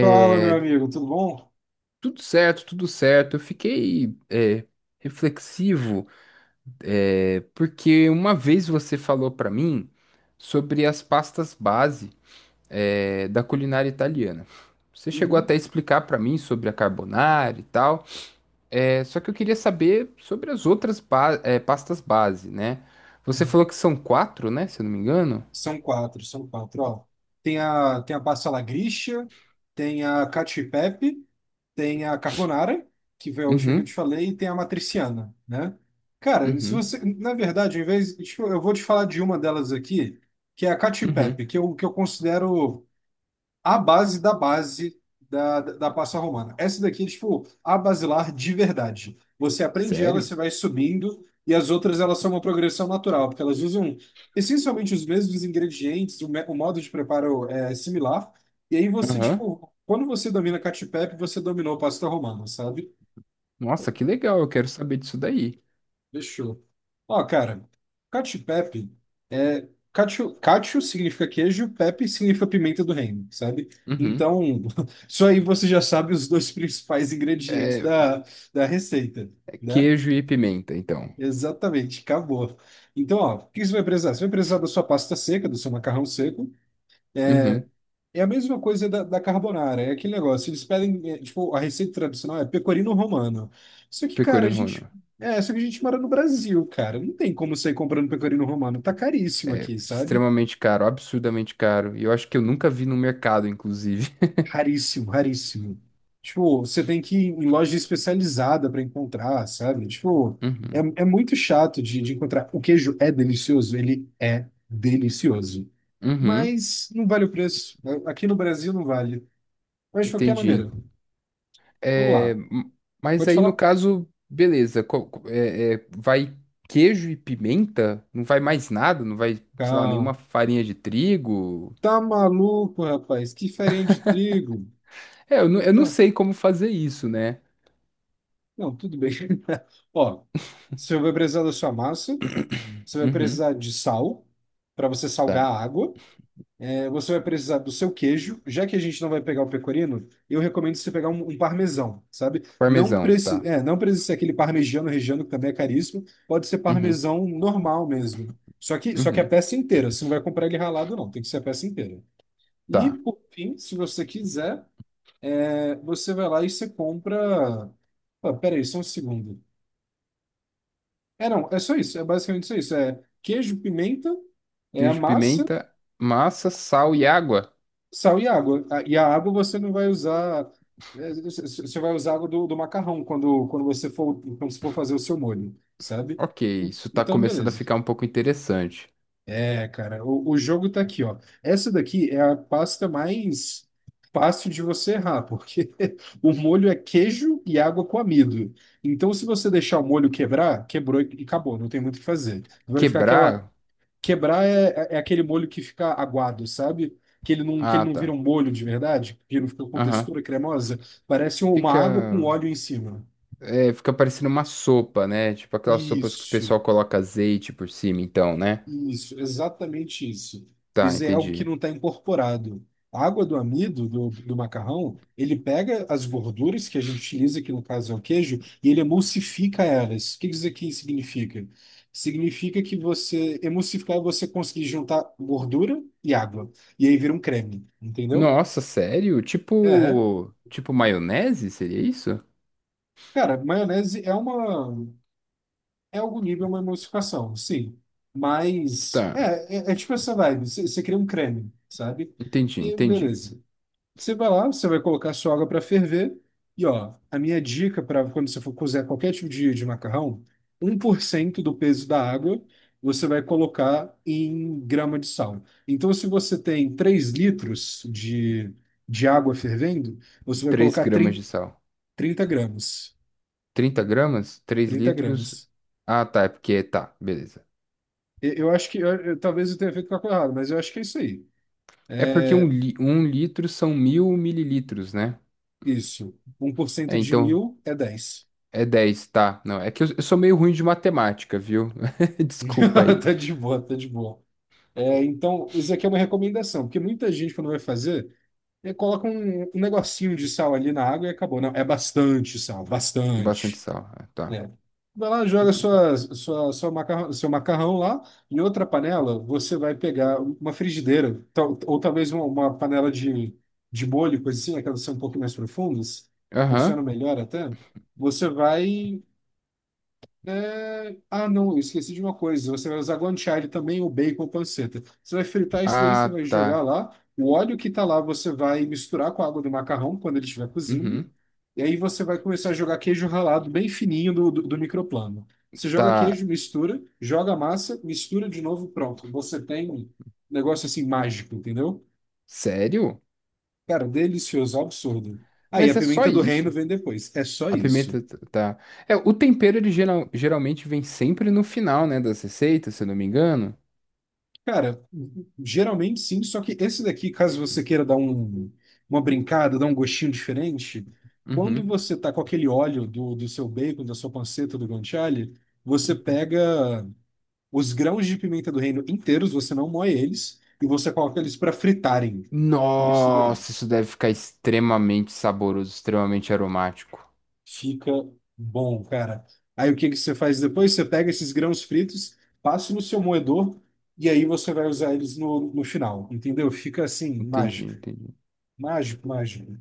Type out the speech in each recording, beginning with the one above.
Fala, meu amigo, tudo bom? tudo certo, tudo certo. Eu fiquei reflexivo, porque uma vez você falou para mim sobre as pastas base, da culinária italiana. Você chegou Uhum. até a explicar para mim sobre a carbonara e tal, só que eu queria saber sobre as outras pastas base, né? Você falou Uhum. que são quatro, né? Se eu não me engano. São quatro, ó. Tem a pasta la Grisha, tem a cacio e pepe, tem a carbonara, que foi a última que eu te Uhum, falei, e tem a matriciana, né? Cara, se uhum, você, na verdade, em vez, tipo, eu vou te falar de uma delas aqui, que é a cacio e uhum. pepe, que eu considero a base da base da Passa Romana. Essa daqui é tipo a basilar de verdade. Você aprende ela, você Sério? vai subindo, e as outras elas são uma progressão natural, porque elas usam essencialmente os mesmos ingredientes, o modo de preparo é similar. E aí você, Aham. tipo, quando você domina Cacio e Pepe, você dominou a Pasta Romana, sabe? Nossa, que legal, eu quero saber disso daí. Fechou. Ó, cara, Cacio e Pepe. Cacio, cacio significa queijo, pepe significa pimenta do reino, sabe? Uhum. Então, isso aí você já sabe os dois principais ingredientes É da receita, né? queijo e pimenta, então. Exatamente, acabou. Então, ó, o que você vai precisar? Você vai precisar da sua pasta seca, do seu macarrão seco. Uhum. É a mesma coisa da carbonara, é aquele negócio. Eles pedem, tipo, a receita tradicional é pecorino romano. Só que, cara, a Pecorino gente. Romano. Só que a gente mora no Brasil, cara. Não tem como sair comprando pecorino romano. Tá caríssimo aqui, sabe? Extremamente caro, absurdamente caro. E eu acho que eu nunca vi no mercado, inclusive. Raríssimo, raríssimo. Tipo, você tem que ir em loja especializada para encontrar, sabe? Tipo, Uhum. é muito chato de encontrar. O queijo é delicioso, ele é delicioso. Uhum. Mas não vale o preço. Aqui no Brasil não vale. Mas de qualquer Entendi. maneira, vamos É, lá. m- mas Pode aí, no falar? caso, beleza. Vai queijo e pimenta? Não vai mais nada? Não vai, sei lá, Calma. nenhuma farinha de trigo? Tá maluco, rapaz? Que farinha de trigo? É, eu, não- Não, eu não tá. sei como fazer isso, né? Não, tudo bem. Ó, você vai precisar da sua massa, você vai Uhum. precisar de sal para você salgar Tá. a água. Você vai precisar do seu queijo, já que a gente não vai pegar o pecorino, eu recomendo você pegar um parmesão, sabe? Não Parmesão, precisa, tá. Não precisa ser aquele parmegiano regiano que também é caríssimo, pode ser Uhum. parmesão normal mesmo. Só que a Uhum. peça inteira, você não vai comprar ele ralado não, tem que ser a peça inteira. E Tá. por fim, se você quiser, você vai lá e você compra. Ah, peraí, só um segundo. Não, é só isso, é basicamente só isso. É queijo, pimenta, é a Queijo, massa. pimenta, massa, sal e água. Sal e água. E a água você não vai usar. é, Você você vai usar água do macarrão quando você for fazer o seu molho, sabe? Ok, isso tá Então, começando a beleza. ficar um pouco interessante. Cara, o jogo tá aqui, ó. Essa daqui é a pasta mais fácil de você errar, porque o molho é queijo e água com amido. Então, se você deixar o molho quebrar, quebrou e acabou, não tem muito o que fazer. Vai ficar aquela. Quebrar? Quebrar é aquele molho que fica aguado, sabe? Que ele não, que ele Ah, não vira tá. um molho de verdade, que ele não fica com Aham. textura cremosa. Parece uma água com Fica, óleo em cima. fica parecendo uma sopa, né? Tipo aquelas sopas que o Isso. pessoal coloca azeite por cima, então, né? Isso, exatamente isso. Tá, Isso é algo que entendi. não está incorporado. A água do amido, do macarrão, ele pega as gorduras que a gente utiliza, que no caso é o queijo, e ele emulsifica elas. O que isso aqui significa? Significa que você, emulsificar, é você conseguir juntar gordura e água. E aí vira um creme, entendeu? Nossa, sério? É. Tipo maionese? Seria isso? Cara, maionese é uma. É algum nível uma emulsificação, sim. Mas Tá, é tipo essa vibe. Você cria um creme, sabe? entendi, E entendi. beleza. Você vai lá, você vai colocar sua água para ferver. E ó, a minha dica para quando você for cozer qualquer tipo de macarrão, 1% do peso da água você vai colocar em grama de sal. Então, se você tem 3 litros de água fervendo, você vai três colocar gramas 30 de sal. 30 gramas. 30 gramas? três 30 litros? gramas. Ah, tá, é porque tá, beleza. Eu acho que talvez eu tenha feito cálculo errado, mas eu acho que é isso aí. É porque um litro são 1000 mililitros, né? Isso. um por cento de Então mil é dez. é 10, tá? Não, é que eu sou meio ruim de matemática, viu? Desculpa aí. Tá de boa, tá de boa. Então, isso aqui é uma recomendação, porque muita gente, quando vai fazer, coloca um negocinho de sal ali na água e acabou. Não, é bastante sal, Bastante bastante. sal, ah, tá. Né? Vai lá, joga seu macarrão lá. Em outra panela, você vai pegar uma frigideira, ou talvez uma panela de molho, coisa assim, aquelas que são um pouco mais profundas, funcionam Aham. melhor até. Você vai Ah, não, eu esqueci de uma coisa. Você vai usar guanciale também, o bacon, panceta. Você vai fritar isso daí, você Ah, vai jogar tá. lá. O óleo que tá lá, você vai misturar com a água do macarrão quando ele estiver cozindo. Uhum. E aí você vai começar a jogar queijo ralado bem fininho do microplano. Você joga Tá. queijo, mistura, joga a massa, mistura de novo, pronto. Você tem um negócio assim mágico, entendeu? Sério? Cara, delicioso, absurdo. Aí a Mas é só pimenta do reino isso. vem depois. É só A isso. pimenta tá. O tempero ele geralmente vem sempre no final, né, das receitas, se eu não me engano. Cara, geralmente sim, só que esse daqui, caso você queira dar uma brincada, dar um gostinho diferente, quando Uhum. você tá com aquele óleo do seu bacon, da sua panceta, do guanciale, você pega os grãos de pimenta do reino inteiros, você não moe eles, e você coloca eles para fritarem. Isso daí. Nossa, isso deve ficar extremamente saboroso, extremamente aromático. Fica bom, cara. Aí o que que você faz depois? Você pega esses grãos fritos, passa no seu moedor, e aí você vai usar eles no final, entendeu? Fica assim, Entendi, mágico. entendi. Mágico, mágico.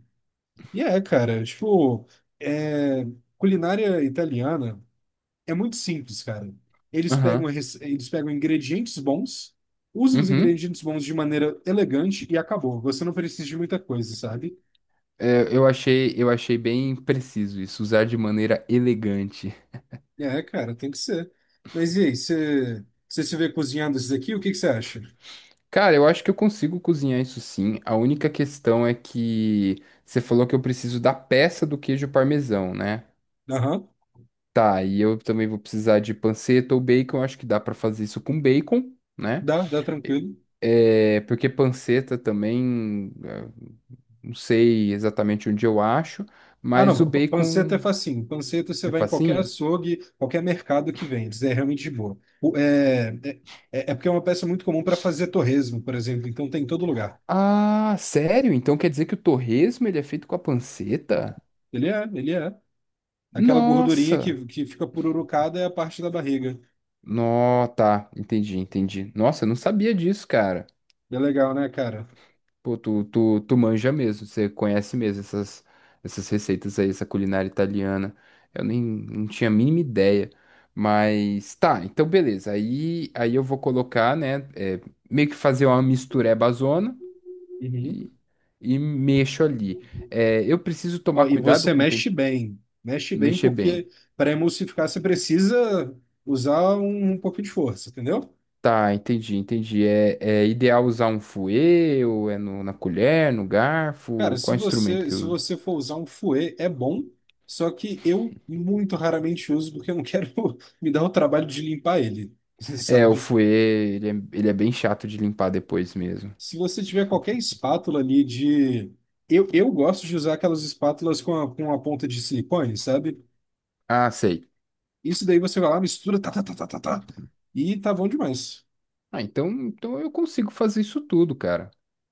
E cara, tipo, é, culinária italiana é muito simples, cara. Eles pegam ingredientes bons, usam os Uhum. ingredientes bons de maneira elegante e acabou. Você não precisa de muita coisa, sabe? Eu achei, bem preciso isso, usar de maneira elegante. É, cara, tem que ser. Mas e aí, você se vê cozinhando esses aqui? O que que você acha? Cara, eu acho que eu consigo cozinhar isso sim. A única questão é que você falou que eu preciso da peça do queijo parmesão, né? Aham, Tá, e eu também vou precisar de panceta ou bacon. Eu Acho que dá pra fazer isso com bacon, né? dá tranquilo. Porque panceta também, não sei exatamente onde eu acho, Ah, mas o não, panceta é bacon facinho. Panceta você é vai em qualquer facinho. açougue, qualquer mercado que vende, é realmente de boa. É porque é uma peça muito comum para fazer torresmo, por exemplo, então tem em todo lugar. Ah, sério? Então quer dizer que o torresmo ele é feito com a panceta? Ele é, ele é. Aquela gordurinha Nossa! que fica pururucada é a parte da barriga. Nó, tá, entendi, entendi. Nossa, eu não sabia disso, cara. É legal, né, cara? Pô, tu manja mesmo, você conhece mesmo essas receitas aí, essa culinária italiana. Eu nem não tinha a mínima ideia. Mas tá, então beleza. Aí eu vou colocar, né? Meio que fazer uma misturebazona Uhum. e, e mexo ali. Eu preciso Ó, tomar e cuidado você com o mexe tempo, bem. Mexe bem mexer bem. porque para emulsificar você precisa usar um pouco de força, entendeu? Tá, entendi, entendi. É ideal usar um fouet, ou é na colher, no Cara, garfo? Qual se instrumento você, que se eu uso? você for usar um fouet, é bom, só que eu muito raramente uso porque eu não quero me dar o trabalho de limpar ele, O sabe? fouet, ele é, ele é bem chato de limpar depois mesmo. Se você tiver qualquer espátula ali de. Eu gosto de usar aquelas espátulas com a ponta de silicone, sabe? Ah, sei. Isso daí você vai lá, mistura, tá, tá, tá, tá, tá, tá, e tá bom demais. Ah, então eu consigo fazer isso tudo, cara.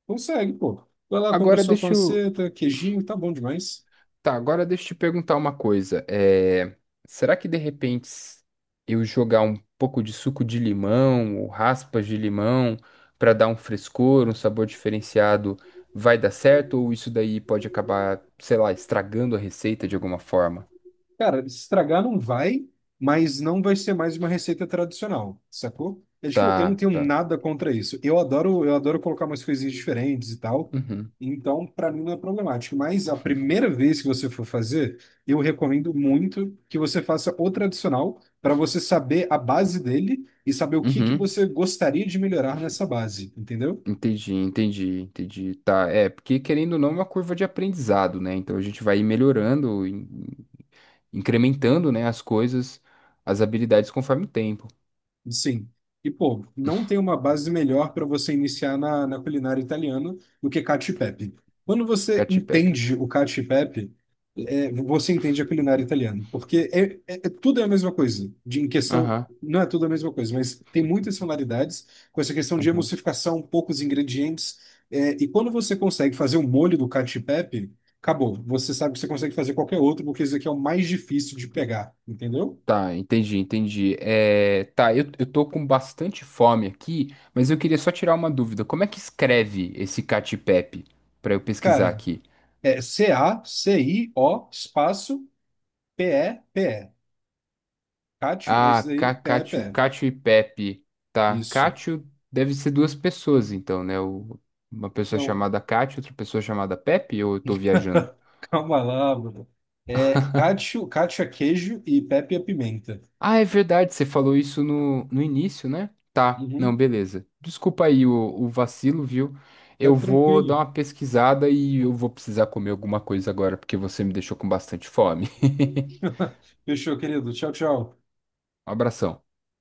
Consegue, pô. Vai lá, compra Agora sua deixa eu, panceta, queijinho, tá bom demais. Tá, agora deixa eu te perguntar uma coisa. Será que de repente eu jogar um pouco de suco de limão ou raspas de limão para dar um frescor, um sabor diferenciado, vai dar certo? Ou isso daí pode acabar, sei lá, estragando a receita de alguma forma? Cara, estragar não vai, mas não vai ser mais uma receita tradicional, sacou? É, tipo, eu não Tá, tenho tá. nada contra isso. Eu adoro colocar umas coisinhas diferentes e tal. Uhum, Então, para mim não é problemático. Mas a primeira vez que você for fazer, eu recomendo muito que você faça o tradicional para você saber a base dele e saber o que que uhum. você gostaria de melhorar nessa base, entendeu? Entendi, entendi, entendi. Tá, porque querendo ou não, é uma curva de aprendizado, né? Então a gente vai ir melhorando, incrementando, né, as coisas, as habilidades conforme o tempo. Sim. E, pô, não tem uma base melhor para você iniciar na culinária italiana do que cacio e pepe. Quando você Caty Pepe. entende o cacio e pepe, você entende a culinária italiana, porque tudo é a mesma coisa. Em questão, Aham, não é tudo a mesma coisa, mas tem muitas similaridades com essa questão de aham. emulsificação, poucos ingredientes. E quando você consegue fazer o molho do cacio e pepe, acabou. Você sabe que você consegue fazer qualquer outro, porque isso aqui é o mais difícil de pegar, entendeu? Tá, entendi, entendi. Tá, eu tô com bastante fome aqui, mas eu queria só tirar uma dúvida. Como é que escreve esse Cacio e Pepe? Pra eu pesquisar Cara, aqui. é Cacio espaço Pepe. Cátio, é Ah, isso aí, Cacatio, Pepe. Cátio e Pepe. Tá, Isso. Cátio deve ser duas pessoas, então, né? Uma pessoa Não, chamada Cátio, outra pessoa chamada Pepe, ou eu tô viajando? calma lá, mano. É Cátio, Cátio é queijo e Pepe é pimenta. Ah, é verdade, você falou isso no início, né? Tá, não, Uhum, beleza. Desculpa aí o vacilo, viu? tá Eu vou dar tranquilo. uma pesquisada e eu vou precisar comer alguma coisa agora, porque você me deixou com bastante fome. Fechou, querido. Tchau, tchau. Um abração.